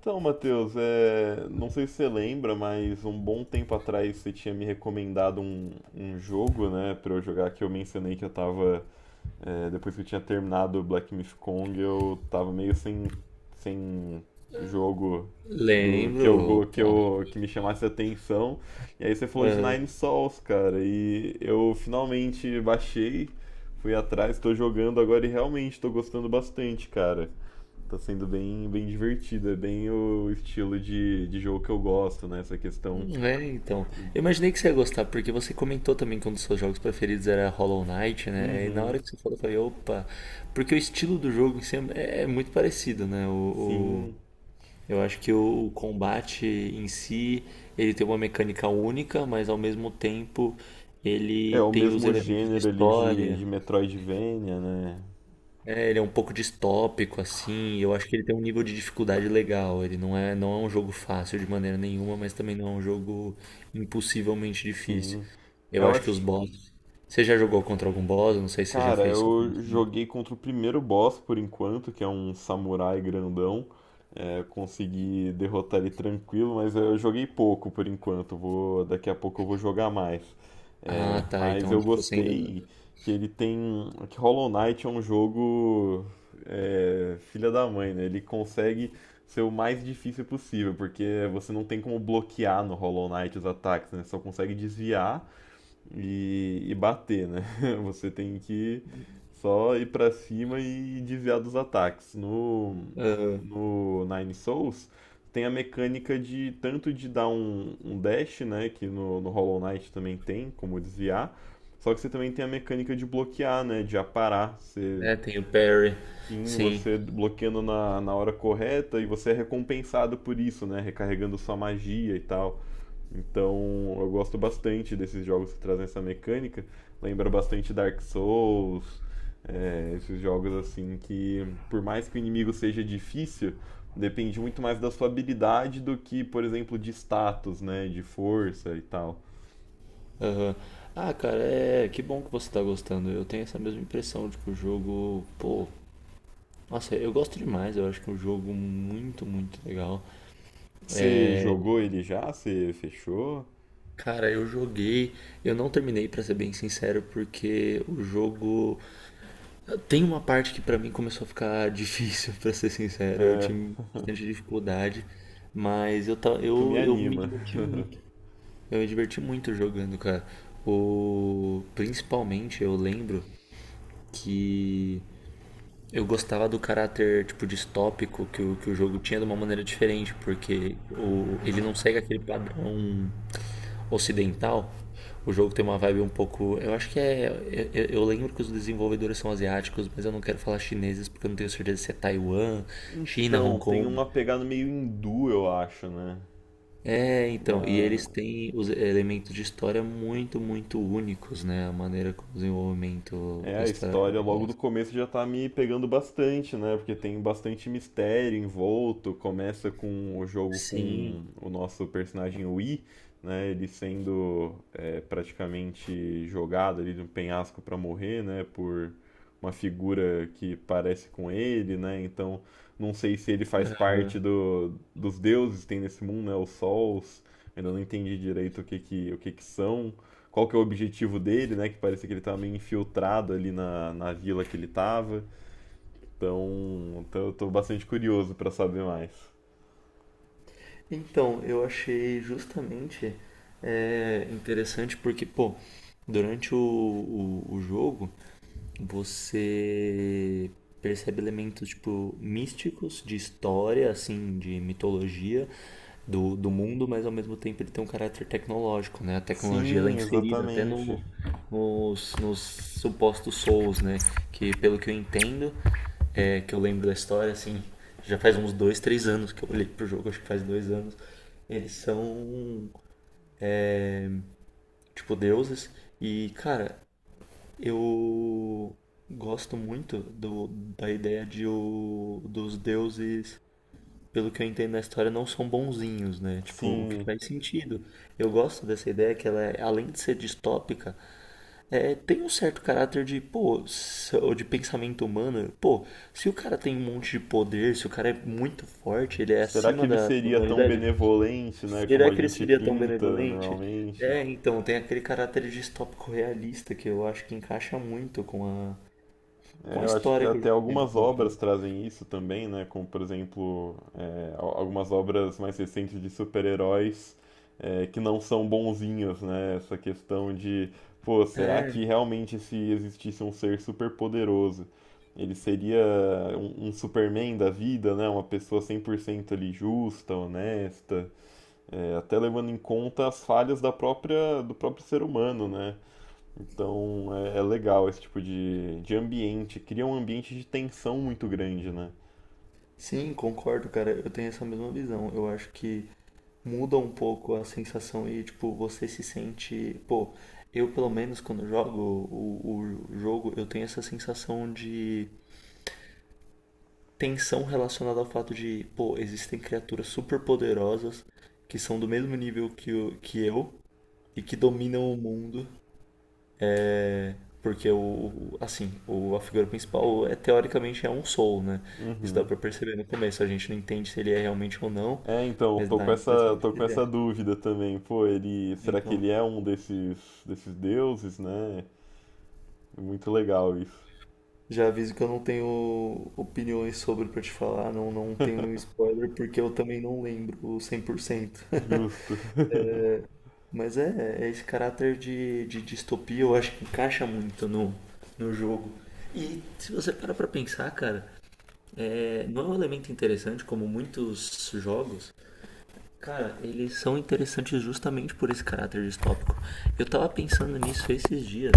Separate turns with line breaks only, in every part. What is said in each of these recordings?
Então, Matheus, não sei se você lembra, mas um bom tempo atrás você tinha me recomendado um jogo, né, pra eu jogar, que eu mencionei que eu tava, depois que eu tinha terminado o Black Myth Kong, eu tava meio sem, sem jogo do que
Lembro,
que
opa.
eu que me chamasse a atenção. E aí você falou de
Aham.
Nine Sols, cara, e eu finalmente baixei, fui atrás, tô jogando agora e realmente tô gostando bastante, cara. Tá sendo bem divertido, é bem o estilo de jogo que eu gosto, né? Essa questão.
É, então. Eu imaginei que você ia gostar, porque você comentou também que um dos seus jogos preferidos era Hollow Knight, né? E na
Uhum,
hora que você falou, eu falei, opa. Porque o estilo do jogo em si é muito parecido, né?
sim.
Eu acho que o combate em si, ele tem uma mecânica única, mas ao mesmo tempo
É
ele
o
tem os
mesmo
elementos de
gênero ali
história.
de Metroidvania, né?
É, ele é um pouco distópico, assim, e eu acho que ele tem um nível de dificuldade legal. Ele não é, não é um jogo fácil de maneira nenhuma, mas também não é um jogo impossivelmente difícil.
Sim.
Eu
Eu
acho que os
acho.
bosses. Você já jogou contra algum boss? Eu não sei se você já
Cara,
fez só com
eu
um.
joguei contra o primeiro boss por enquanto, que é um samurai grandão. É, consegui derrotar ele tranquilo, mas eu joguei pouco por enquanto. Vou, daqui a pouco eu vou jogar mais.
Ah, tá.
Mas
Então
eu
acho que você ainda não.
gostei que ele tem. Que Hollow Knight é um jogo. Filha da mãe, né? Ele consegue ser o mais difícil possível, porque você não tem como bloquear no Hollow Knight os ataques, né? Só consegue desviar e bater, né? Você tem que só ir pra cima e desviar dos ataques. No,
Aham.
no Nine Souls tem a mecânica de tanto de dar um dash, né? Que no Hollow Knight também tem, como desviar. Só que você também tem a mecânica de bloquear, né? De aparar. Você,
É, tem o Perry.
sim,
Sim.
você bloqueando na hora correta e você é recompensado por isso, né? Recarregando sua magia e tal. Então eu gosto bastante desses jogos que trazem essa mecânica. Lembra bastante Dark Souls, esses jogos assim que, por mais que o inimigo seja difícil, depende muito mais da sua habilidade do que, por exemplo, de status, né? De força e tal.
Aham. Ah, cara, é. Que bom que você tá gostando. Eu tenho essa mesma impressão de que o jogo. Pô. Nossa, eu gosto demais. Eu acho que é um jogo muito, muito legal.
Você jogou ele já? Você fechou?
Cara, eu joguei, eu não terminei pra ser bem sincero, porque o jogo tem uma parte que pra mim começou a ficar difícil, pra ser sincero, eu tive bastante dificuldade, mas eu ta-
Isso me
eu, eu me
anima.
diverti muito. Eu me diverti muito jogando, cara. O Principalmente eu lembro que eu gostava do caráter tipo distópico que o jogo tinha de uma maneira diferente, porque ele não segue aquele padrão ocidental. O jogo tem uma vibe um pouco. Eu acho que é. Eu lembro que os desenvolvedores são asiáticos, mas eu não quero falar chineses porque eu não tenho certeza se é Taiwan, China,
Então,
Hong
tem
Kong.
uma pegada meio hindu, eu acho, né?
É, então. E
Uma...
eles têm os elementos de história muito, muito únicos, né? A maneira como o desenvolvimento
É,
da
a
história.
história logo do começo já tá me pegando bastante, né? Porque tem bastante mistério envolto. Começa com o jogo
Sim.
com o nosso personagem Wii, né? Ele sendo praticamente jogado ali de um penhasco pra morrer, né? Por uma figura que parece com ele, né? Então, não sei se ele faz parte dos deuses que tem nesse mundo, né? Os sols. Ainda não entendi direito o que que são, qual que é o objetivo dele, né? Que parecia que ele estava meio infiltrado ali na vila que ele estava. Então eu tô bastante curioso para saber mais.
Então, eu achei justamente interessante porque, pô, durante o jogo, você percebe elementos tipo místicos de história, assim, de mitologia do mundo, mas ao mesmo tempo ele tem um caráter tecnológico, né? A tecnologia ela é
Sim,
inserida até
exatamente.
no, nos, nos supostos souls, né? Que pelo que eu entendo, que eu lembro da história, assim, já faz uns 2, 3 anos que eu olhei pro jogo, acho que faz 2 anos. Eles são tipo deuses e, cara, eu gosto muito da ideia de dos deuses, pelo que eu entendo na história, não são bonzinhos, né? Tipo, o que
Sim.
faz sentido. Eu gosto dessa ideia que ela, além de ser distópica, tem um certo caráter de, pô, ou de pensamento humano. Pô, se o cara tem um monte de poder, se o cara é muito forte, ele é
Será que
acima
ele
da
seria tão
humanidade,
benevolente, né, como
será
a
que ele
gente
seria tão
pinta
benevolente?
normalmente?
É, então, tem aquele caráter distópico realista que eu acho que encaixa muito com a com
É,
a
eu acho que
história que o
até
jogo tenta
algumas
contar.
obras trazem isso também, né? Como, por exemplo, algumas obras mais recentes de super-heróis, que não são bonzinhos, né? Essa questão de, pô, será
É,
que realmente se existisse um ser super-poderoso, ele seria um Superman da vida, né? Uma pessoa 100% ali justa, honesta, até levando em conta as falhas da própria, do próprio ser humano, né? Então é legal esse tipo de ambiente, cria um ambiente de tensão muito grande, né?
sim, concordo, cara. Eu tenho essa mesma visão. Eu acho que muda um pouco a sensação e, tipo, você se sente. Pô, eu pelo menos quando jogo o jogo, eu tenho essa sensação de tensão relacionada ao fato de, pô, existem criaturas super poderosas que são do mesmo nível que eu e que dominam o mundo. Porque assim, a figura principal é teoricamente é um soul, né? Isso dá
Uhum.
pra perceber no começo. A gente não entende se ele é realmente ou não,
É, então, eu
mas dá a impressão de
tô
que
com
ele
essa
é.
dúvida também. Pô, ele, será que
Então,
ele é um desses, desses deuses, né? É muito legal isso.
já aviso que eu não tenho opiniões sobre pra te falar, não tenho nenhum spoiler, porque eu também não lembro 100%.
Justo.
Mas é esse caráter de distopia, eu acho que encaixa muito no jogo. E se você para pra pensar, cara, não é um elemento interessante como muitos jogos. Cara, eles são interessantes justamente por esse caráter distópico. Eu tava pensando nisso esses dias.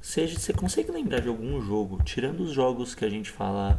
Seja, você consegue lembrar de algum jogo, tirando os jogos que a gente fala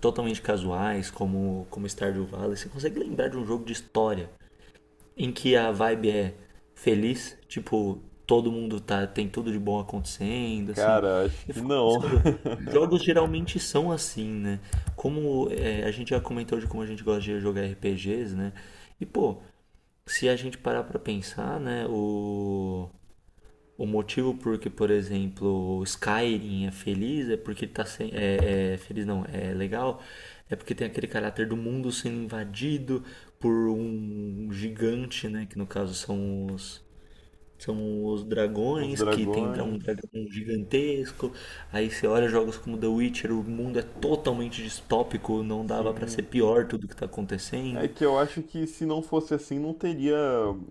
totalmente casuais, como Stardew Valley, você consegue lembrar de um jogo de história em que a vibe é feliz? Tipo, todo mundo tá, tem tudo de bom acontecendo, assim.
Cara, acho
Eu
que
fico
não.
pensando, jogos geralmente são assim, né? Como é, a gente já comentou de como a gente gosta de jogar RPGs, né? E, pô, se a gente parar para pensar, né, o motivo por que, por exemplo, o Skyrim é feliz é porque ele tá sem, é feliz não, é legal, é porque tem aquele caráter do mundo sendo invadido por um gigante, né, que no caso são os
Os
dragões que tem um
dragões,
dragão gigantesco. Aí você olha jogos como The Witcher, o mundo é totalmente distópico, não dava pra ser
sim.
pior tudo que tá
É
acontecendo.
que eu acho que se não fosse assim, não teria.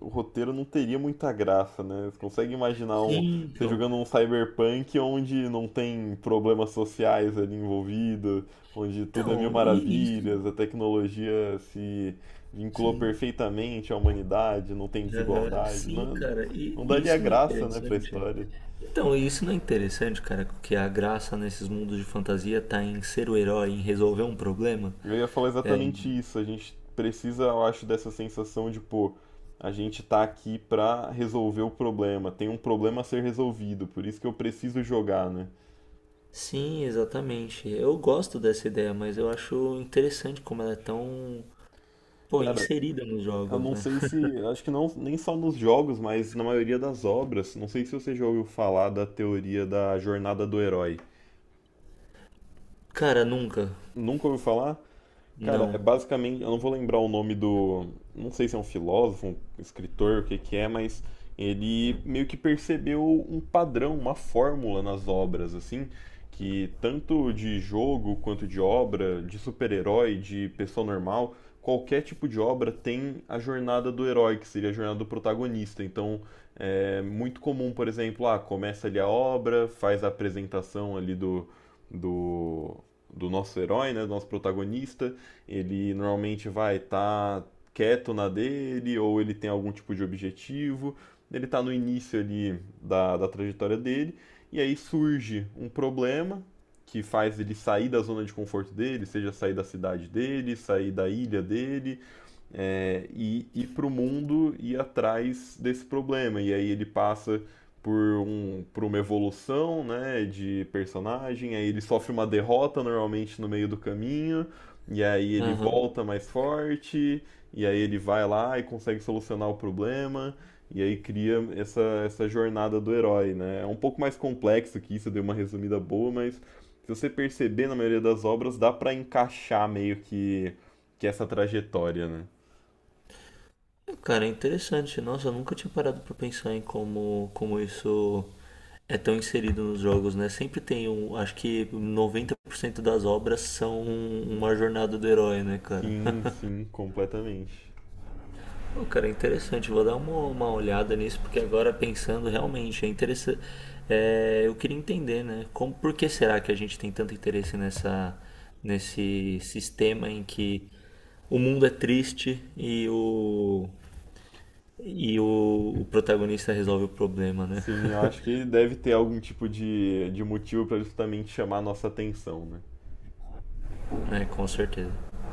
O roteiro não teria muita graça, né? Você consegue imaginar um,
Sim,
você
então.
jogando um cyberpunk onde não tem problemas sociais ali envolvido, onde tudo é mil
Então, e isso.
maravilhas, a tecnologia se vinculou
Sim.
perfeitamente à humanidade, não tem
Aham.
desigualdade.
Sim,
Não,
cara, e
não
e
daria
isso não é
graça, né, pra
interessante?
história.
Então, e isso não é interessante, cara, que a graça nesses mundos de fantasia tá em ser o herói, em resolver um problema?
Eu ia falar exatamente isso. A gente precisa, eu acho, dessa sensação de, pô, a gente tá aqui pra resolver o problema. Tem um problema a ser resolvido, por isso que eu preciso jogar, né?
Sim, exatamente. Eu gosto dessa ideia, mas eu acho interessante como ela é tão, pô,
Cara,
inserida nos
eu
jogos,
não
né?
sei se, acho que não, nem só nos jogos, mas na maioria das obras. Não sei se você já ouviu falar da teoria da jornada do herói.
Cara, nunca.
Nunca ouviu falar? Cara, é
Não.
basicamente, eu não vou lembrar o nome do, não sei se é um filósofo, um escritor, o que que é, mas ele meio que percebeu um padrão, uma fórmula nas obras, assim, que tanto de jogo quanto de obra, de super-herói, de pessoa normal, qualquer tipo de obra tem a jornada do herói, que seria a jornada do protagonista. Então, é muito comum, por exemplo, ah, começa ali a obra, faz a apresentação ali do, do nosso herói, né, do nosso protagonista, ele normalmente vai estar tá quieto na dele, ou ele tem algum tipo de objetivo, ele está no início ali da trajetória dele, e aí surge um problema que faz ele sair da zona de conforto dele, seja sair da cidade dele, sair da ilha dele, é, e ir para o mundo e ir atrás desse problema. E aí ele passa por, um, por uma evolução né, de personagem, aí ele sofre uma derrota normalmente no meio do caminho, e aí ele
Aham.
volta mais forte, e aí ele vai lá e consegue solucionar o problema, e aí cria essa, essa jornada do herói. Né? É um pouco mais complexo que isso, eu dei uma resumida boa, mas se você perceber na maioria das obras, dá para encaixar meio que essa trajetória. Né?
Cara, é interessante. Nossa, eu nunca tinha parado pra pensar em como isso é tão inserido nos jogos, né? Sempre tem um. Acho que 90% das obras são uma jornada do herói, né, cara?
Sim, sim, completamente.
Pô, cara, é interessante. Vou dar uma olhada nisso, porque agora pensando realmente, é interessante. Eu queria entender, né? Como, por que será que a gente tem tanto interesse nessa, nesse sistema em que o mundo é triste e o protagonista resolve o problema, né?
Sim, eu acho que deve ter algum tipo de motivo para justamente chamar a nossa atenção, né?
É, com certeza.